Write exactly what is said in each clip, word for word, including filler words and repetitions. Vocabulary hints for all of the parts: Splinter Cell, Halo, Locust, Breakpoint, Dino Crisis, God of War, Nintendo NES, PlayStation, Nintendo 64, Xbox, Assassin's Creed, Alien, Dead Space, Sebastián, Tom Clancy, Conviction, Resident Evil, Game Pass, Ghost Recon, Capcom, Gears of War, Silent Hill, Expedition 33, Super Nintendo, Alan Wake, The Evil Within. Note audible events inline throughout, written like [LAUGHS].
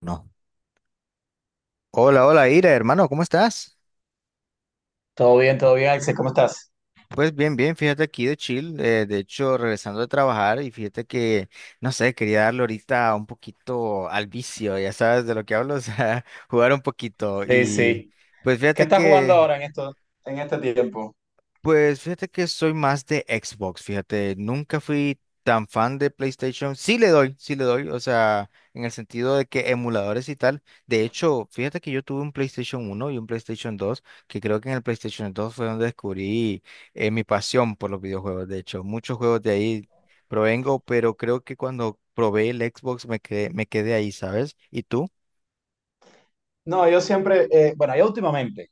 No. Hola, hola, Ira, hermano, ¿cómo estás? Todo bien, todo bien, Axel, ¿cómo estás? Pues bien, bien, fíjate aquí de chill, eh, de hecho regresando de trabajar y fíjate que, no sé, quería darle ahorita un poquito al vicio, ya sabes de lo que hablo, o sea, [LAUGHS] jugar un poquito Sí, y sí. pues ¿Qué fíjate estás jugando que ahora en esto, en este tiempo? pues fíjate que soy más de Xbox, fíjate, nunca fui tan fan de PlayStation. Sí le doy, sí le doy, o sea, en el sentido de que emuladores y tal. De hecho, fíjate que yo tuve un PlayStation uno y un PlayStation dos, que creo que en el PlayStation dos fue donde descubrí eh, mi pasión por los videojuegos. De hecho, muchos juegos de ahí provengo, pero creo que cuando probé el Xbox me quedé, me quedé ahí, ¿sabes? ¿Y tú? No, yo siempre, eh, bueno, yo últimamente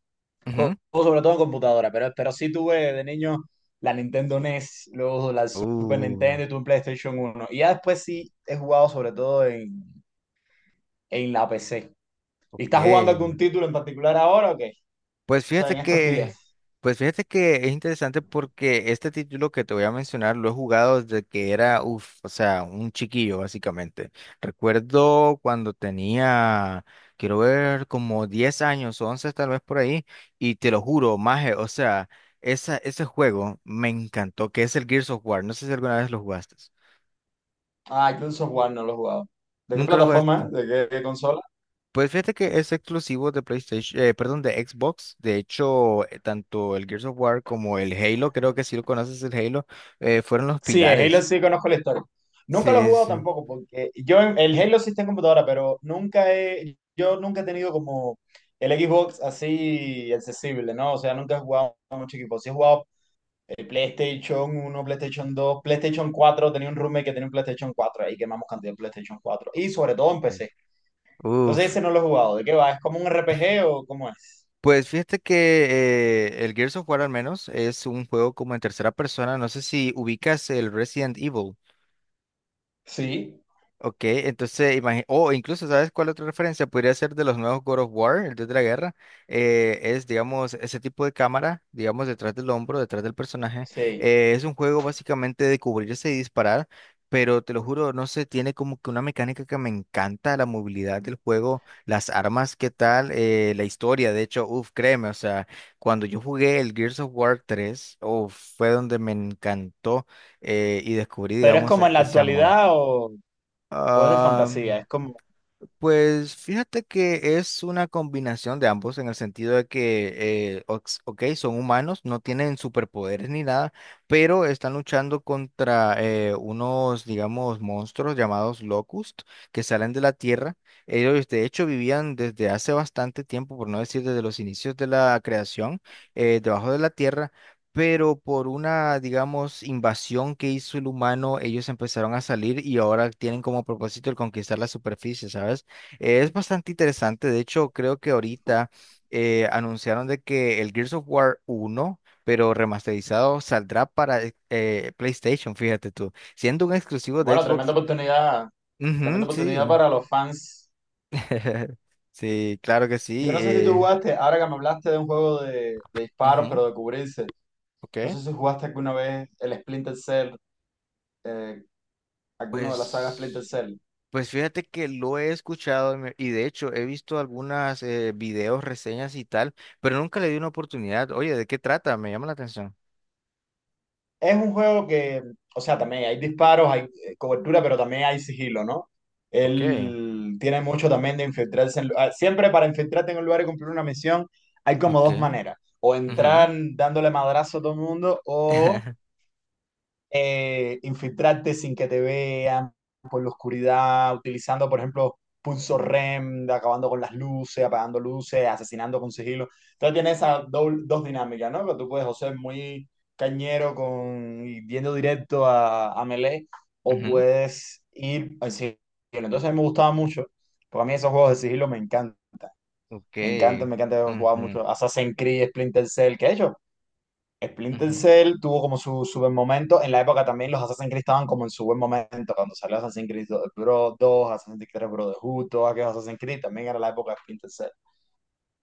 juego Ujú. sobre todo en computadora, pero, pero sí tuve de niño la Nintendo N E S, luego la Super Uh, Nintendo y tuve un PlayStation uno. Y ya después sí he jugado sobre todo en, en la P C. ¿Y ok. estás jugando algún título en particular ahora o qué? Pues O sea, fíjate en estos que, días. pues fíjate que es interesante porque este título que te voy a mencionar lo he jugado desde que era, uff, o sea, un chiquillo básicamente. Recuerdo cuando tenía, quiero ver, como diez años, once tal vez por ahí, y te lo juro, maje, o sea, esa, ese juego me encantó, que es el Gears of War. No sé si alguna vez lo jugaste. Ah, Gears of War no lo he jugado. ¿De qué ¿Nunca lo plataforma? jugaste? ¿De qué, qué consola? Pues fíjate que es exclusivo de PlayStation, eh, perdón, de Xbox. De hecho, eh, tanto el Gears of War como el Halo, creo que si lo conoces el Halo, eh, fueron los Sí, el Halo pilares. sí conozco la historia. Nunca lo he Sí, jugado sí. tampoco, porque yo en- el Halo sí está en computadora, pero nunca he, yo nunca he tenido como el Xbox así accesible, ¿no? O sea, nunca he jugado mucho equipo. Sí he jugado el PlayStation uno, PlayStation dos, PlayStation cuatro. Tenía un roommate que tenía un PlayStation cuatro, ahí quemamos cantidad de PlayStation cuatro. Y sobre todo en P C. Entonces Uf. ese no lo he jugado. ¿De qué va? ¿Es como un R P G o cómo es? Pues fíjate que eh, el Gears of War al menos es un juego como en tercera persona. No sé si ubicas el Resident Evil. Sí. Ok, entonces imagínate, o incluso, ¿sabes cuál otra referencia? Podría ser de los nuevos God of War, el Dios de la Guerra. Eh, es, digamos, ese tipo de cámara, digamos, detrás del hombro, detrás del personaje. Sí. Eh, es un juego básicamente de cubrirse y disparar, pero te lo juro, no sé, tiene como que una mecánica que me encanta, la movilidad del juego, las armas, qué tal, eh, la historia. De hecho, uff, créeme, o sea, cuando yo jugué el Gears of War tres, uff, fue donde me encantó eh, y descubrí, Pero es digamos, como en e- la ese amor. actualidad o, o es de fantasía, Am, es... pues fíjate que es una combinación de ambos en el sentido de que, eh, ox- ok, son humanos, no tienen superpoderes ni nada, pero están luchando contra eh, unos, digamos, monstruos llamados Locust que salen de la Tierra. Ellos, de hecho, vivían desde hace bastante tiempo, por no decir desde los inicios de la creación, eh, debajo de la Tierra. Pero por una, digamos, invasión que hizo el humano, ellos empezaron a salir y ahora tienen como propósito el conquistar la superficie, ¿sabes? Eh, Es bastante interesante, de hecho creo que ahorita eh, anunciaron de que el Gears of War uno pero remasterizado, saldrá para eh, eh, PlayStation, fíjate tú, siendo un exclusivo de Bueno, tremenda Xbox. oportunidad, Ujú, tremenda sí, oportunidad para los fans. [LAUGHS] sí, claro que Yo sí. no sé si tú eh, jugaste, ahora que me hablaste de un juego de, de disparos, Ujú, pero de cubrirse, no ok. sé si jugaste alguna vez el Splinter Cell, eh, alguno de las sagas Splinter Pues, Cell. pues fíjate que lo he escuchado y me- y de hecho he visto algunas eh, videos, reseñas y tal, pero nunca le di una oportunidad. Oye, ¿de qué trata? Me llama la atención. Es un juego que, o sea, también hay disparos, hay eh, cobertura, pero también hay sigilo, ¿no? Ok, Él tiene mucho también de infiltrarse. en lu- ah, siempre para infiltrarte en un lugar y cumplir una misión, hay como dos ok. maneras. O entrar dándole madrazo a todo el mundo, o [LAUGHS] eh, infiltrarte sin que te vean por la oscuridad, utilizando, por ejemplo, pulso R E M, de acabando con las luces, apagando luces, asesinando con sigilo. Entonces tiene esas doble- dos dinámicas, ¿no? Que tú puedes o ser muy cañero con y yendo directo a, a melee, o Ujú, puedes ir al sigilo. Entonces a mí me gustaba mucho, porque a mí esos juegos de sigilo me encantan. ok, Me encantan, me encanta jugar ujú, mucho Assassin's Creed, Splinter Cell, que de hecho, Splinter ujú, Cell tuvo como su, su buen momento. En la época también los Assassin's Creed estaban como en su buen momento. Cuando salió Assassin's Creed dos, dos Assassin's Creed tres Brotherhood, todos aquellos Assassin's Creed, también era la época de Splinter Cell.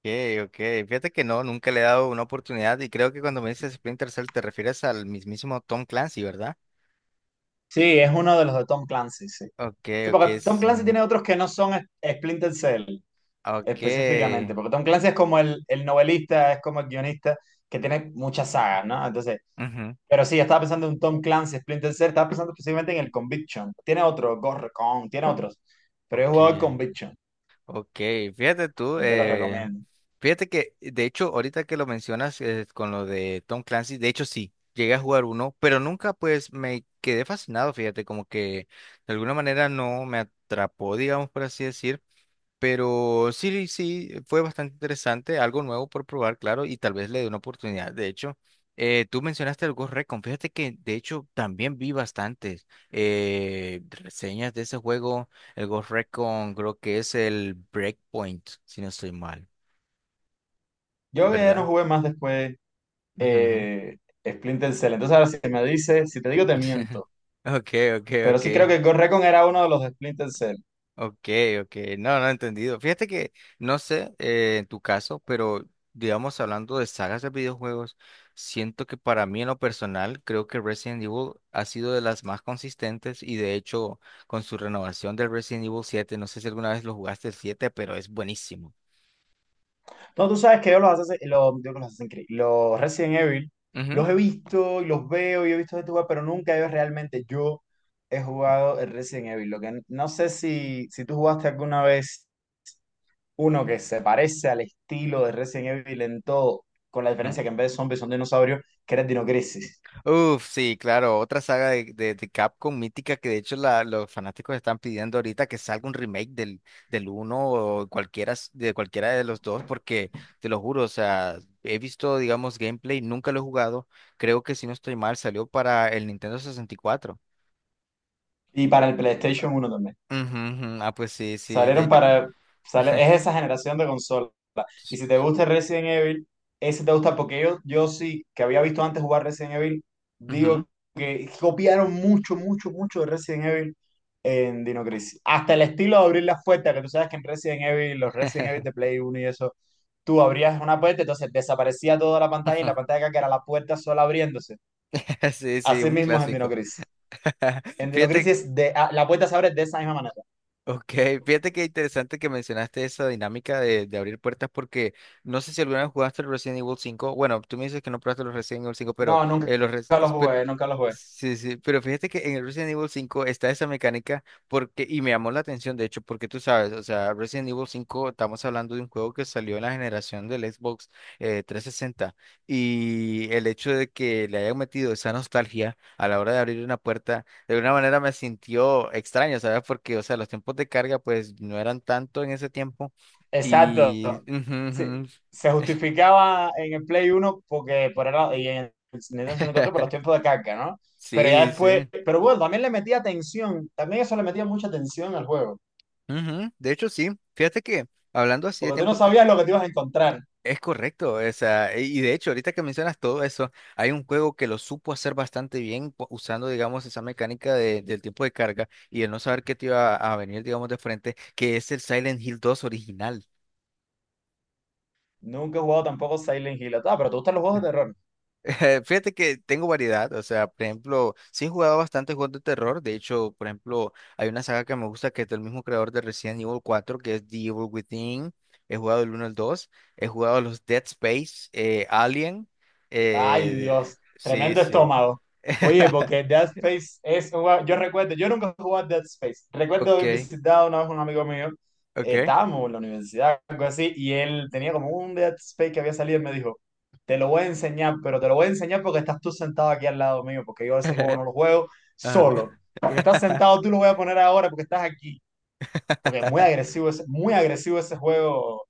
okay, okay. Fíjate que no, nunca le he dado una oportunidad y creo que cuando me dices Splinter Cell te refieres al mismísimo Tom Clancy, ¿verdad? Sí, es uno de los de Tom Clancy, sí. Okay, Sí, porque okay, Tom sí. Clancy tiene otros que no son es- Splinter Cell específicamente, Okay. porque Tom Clancy es como el, el novelista, es como el guionista que tiene muchas sagas, ¿no? Entonces, Ujú, pero sí, estaba pensando en un Tom Clancy, Splinter Cell, estaba pensando específicamente en el Conviction. Tiene otro, Ghost Recon, tiene otros, pero yo he jugado el okay, Conviction. okay. Fíjate tú, Que te lo eh, recomiendo. fíjate que de hecho ahorita que lo mencionas eh, con lo de Tom Clancy, de hecho sí, llegué a jugar uno, pero nunca pues me quedé fascinado, fíjate, como que de alguna manera no me atrapó, digamos por así decir. Pero sí, sí, fue bastante interesante, algo nuevo por probar, claro, y tal vez le dé una oportunidad. De hecho, eh, tú mencionaste el Ghost Recon, fíjate que de hecho también vi bastantes eh, reseñas de ese juego. El Ghost Recon creo que es el Breakpoint, si no estoy mal, Yo ya no ¿verdad? jugué más después Ujú, ujú. eh, Splinter Cell. Entonces, ahora si me dices, si te digo, te [LAUGHS] miento. Ok, ok, Pero ok. sí creo que Ghost Recon era uno de los de Splinter Cell. Ok, ok, no, no he entendido. Fíjate que, no sé, eh, en tu caso, pero digamos, hablando de sagas de videojuegos, siento que para mí en lo personal, creo que Resident Evil ha sido de las más consistentes y de hecho, con su renovación del Resident Evil siete, no sé si alguna vez lo jugaste el siete, pero es buenísimo. No, tú sabes que yo los, Assassin- los, digo los Assassin's Creed, los Resident Evil, Ujú, los he visto y los veo y he visto gente jugar, pero nunca yo realmente yo he jugado el Resident Evil. Lo que no sé si, si tú jugaste alguna vez uno que se parece al estilo de Resident Evil en todo, con la ujú. diferencia que en vez de zombies son dinosaurios, que era el Dino Crisis. Uf, sí, claro, otra saga de, de, de Capcom mítica que de hecho la- los fanáticos están pidiendo ahorita que salga un remake del, del uno o cualquiera, s- de cualquiera de los dos, porque te lo juro, o sea, he visto, digamos, gameplay, nunca lo he jugado, creo que si no estoy mal, salió para el Nintendo sesenta y cuatro. Y para el PlayStation uno también. Ujú, ujú, ah, pues sí, sí, de Salieron hecho. para... Sale, es esa generación de consolas. Y si te gusta Resident Evil, ese te gusta porque yo, yo sí, que había visto antes jugar Resident Evil, Ujú. digo que copiaron mucho, mucho, mucho de Resident Evil en Dino Crisis. Hasta el estilo de abrir las puertas, que tú sabes que en Resident Evil, los Resident Evil de [LAUGHS] Play Uno y eso, tú abrías una puerta, entonces desaparecía toda la pantalla y [LAUGHS] la pantalla de acá, que era la puerta sola abriéndose. Sí, sí, Así un mismo es en Dino clásico. Crisis. [LAUGHS] En Dino Fíjate Crisis de, a- la puerta se abre de esa misma manera. ok, fíjate que interesante que mencionaste esa dinámica de, de abrir puertas porque no sé si alguna vez jugaste el Resident Evil cinco. Bueno, tú me dices que no probaste los Resident Evil cinco, pero, No, nunca eh, los res- lo pero jugué, nunca lo jugué. sí, sí, pero fíjate que en el Resident Evil cinco está esa mecánica porque, y me llamó la atención, de hecho, porque tú sabes, o sea, Resident Evil cinco estamos hablando de un juego que salió en la generación del Xbox eh, trescientos sesenta y el hecho de que le hayan metido esa nostalgia a la hora de abrir una puerta. De alguna manera me sintió extraño, ¿sabes? Porque, o sea, los tiempos de carga pues no eran tanto en ese tiempo. Exacto. Y... ujú, Sí, ujú. se justificaba en el Play uno porque por era, y en el Nintendo sesenta y cuatro por los tiempos [LAUGHS] de carga, ¿no? Pero ya Sí, sí. después, pero bueno, también le metía tensión, también eso le metía mucha tensión al juego, Ujú. De hecho, sí. Fíjate que hablando así de porque tú no tiempo, te- sabías lo que te ibas a encontrar. es correcto. O sea, y y de hecho, ahorita que mencionas todo eso, hay un juego que lo supo hacer bastante bien pu- usando, digamos, esa mecánica de- del tiempo de carga y el no saber qué te iba a venir, digamos, de frente, que es el Silent Hill dos original. Nunca he jugado tampoco Silent Hill, ah, pero te gustan los juegos de terror. [LAUGHS] Fíjate que tengo variedad, o sea, por ejemplo, sí he jugado bastante juegos de terror, de hecho, por ejemplo, hay una saga que me gusta que es del mismo creador de Resident Evil cuatro que es The Evil Within, he jugado el uno al dos, he jugado los Dead Space, eh, Alien, Ay, eh, Dios, sí, tremendo sí, estómago. Oye, porque [LAUGHS] Dead Space es un juego... Yo recuerdo, yo nunca jugué a Dead Space. Recuerdo ok, haber visitado una vez un amigo mío, ok, eh, estábamos en la universidad, algo así, y él tenía como un Dead Space que había salido y me dijo: te lo voy a enseñar, pero te lo voy a enseñar porque estás tú sentado aquí al lado mío, porque yo ese juego [LAUGHS] no lo juego ajá. solo. Porque estás sentado, tú lo voy a poner ahora porque estás aquí. Porque es muy [LAUGHS] agresivo ese, muy agresivo ese juego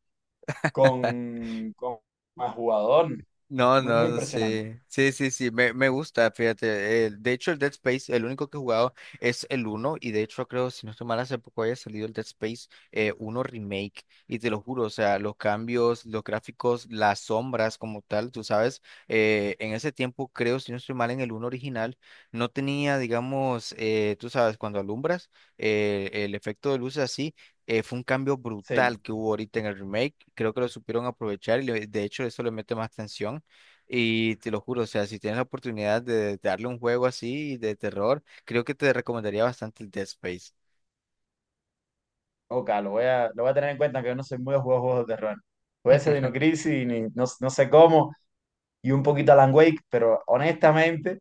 con, con el jugador. No, Muy, muy no, impresionante. sí, sí, sí, sí, me, me gusta, fíjate. Eh, de hecho, el Dead Space, el único que he jugado es el uno. Y de hecho creo, si no estoy mal, hace poco haya salido el Dead Space eh, uno Remake y te lo juro, o sea, los cambios, los gráficos, las sombras como tal, tú sabes, eh, en ese tiempo creo, si no estoy mal, en el uno original no tenía, digamos, eh, tú sabes, cuando alumbras, eh, el efecto de luces así eh, fue un cambio brutal Sí. que hubo ahorita en el remake. Creo que lo supieron aprovechar y le- de hecho eso le mete más tensión. Y te lo juro, o sea, si tienes la oportunidad de darle un juego así de terror, creo que te recomendaría bastante el Dead Space. Ok, lo voy a, lo voy a tener en cuenta, que yo no soy muy de juegos, juegos de terror. Puede ser Dino [LAUGHS] Crisis, ni- no, no sé cómo, y un poquito Alan Wake, pero honestamente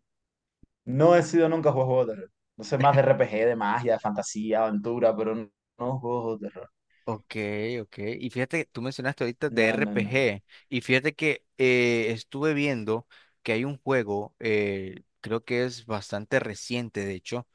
no he sido nunca juego, juegos de terror. No sé, más de R P G, de magia, de fantasía, aventura, pero no, no juegos de terror. Ok, ok. Y fíjate, tú mencionaste ahorita de No, no, no. R P G. Y fíjate que eh, estuve viendo que hay un juego, eh, creo que es bastante reciente, de hecho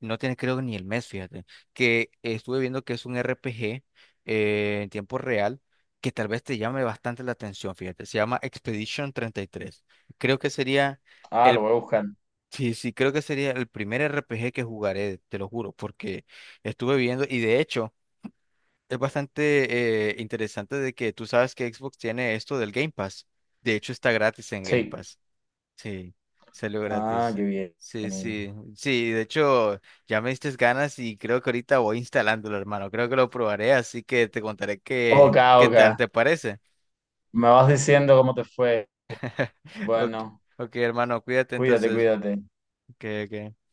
no tiene creo ni el mes, fíjate. Que estuve viendo que es un R P G eh, en tiempo real que tal vez te llame bastante la atención, fíjate. Se llama Expedition treinta y tres. Creo que sería Ah, lo el, voy a buscar. sí, sí, creo que sería el primer R P G que jugaré, te lo juro, porque estuve viendo y de hecho es bastante eh, interesante de que tú sabes que Xbox tiene esto del Game Pass. De hecho está gratis en Game Sí. Pass. Sí, salió Ah, gratis. qué bien. Sí, sí, sí, de hecho ya me diste ganas y creo que ahorita voy instalándolo, hermano. Creo que lo probaré, así que te contaré qué, Ok, qué ok. tal te parece. Me vas diciendo cómo te fue. [LAUGHS] Ok, Bueno, ok, hermano, cuídate cuídate, entonces. cuídate. que que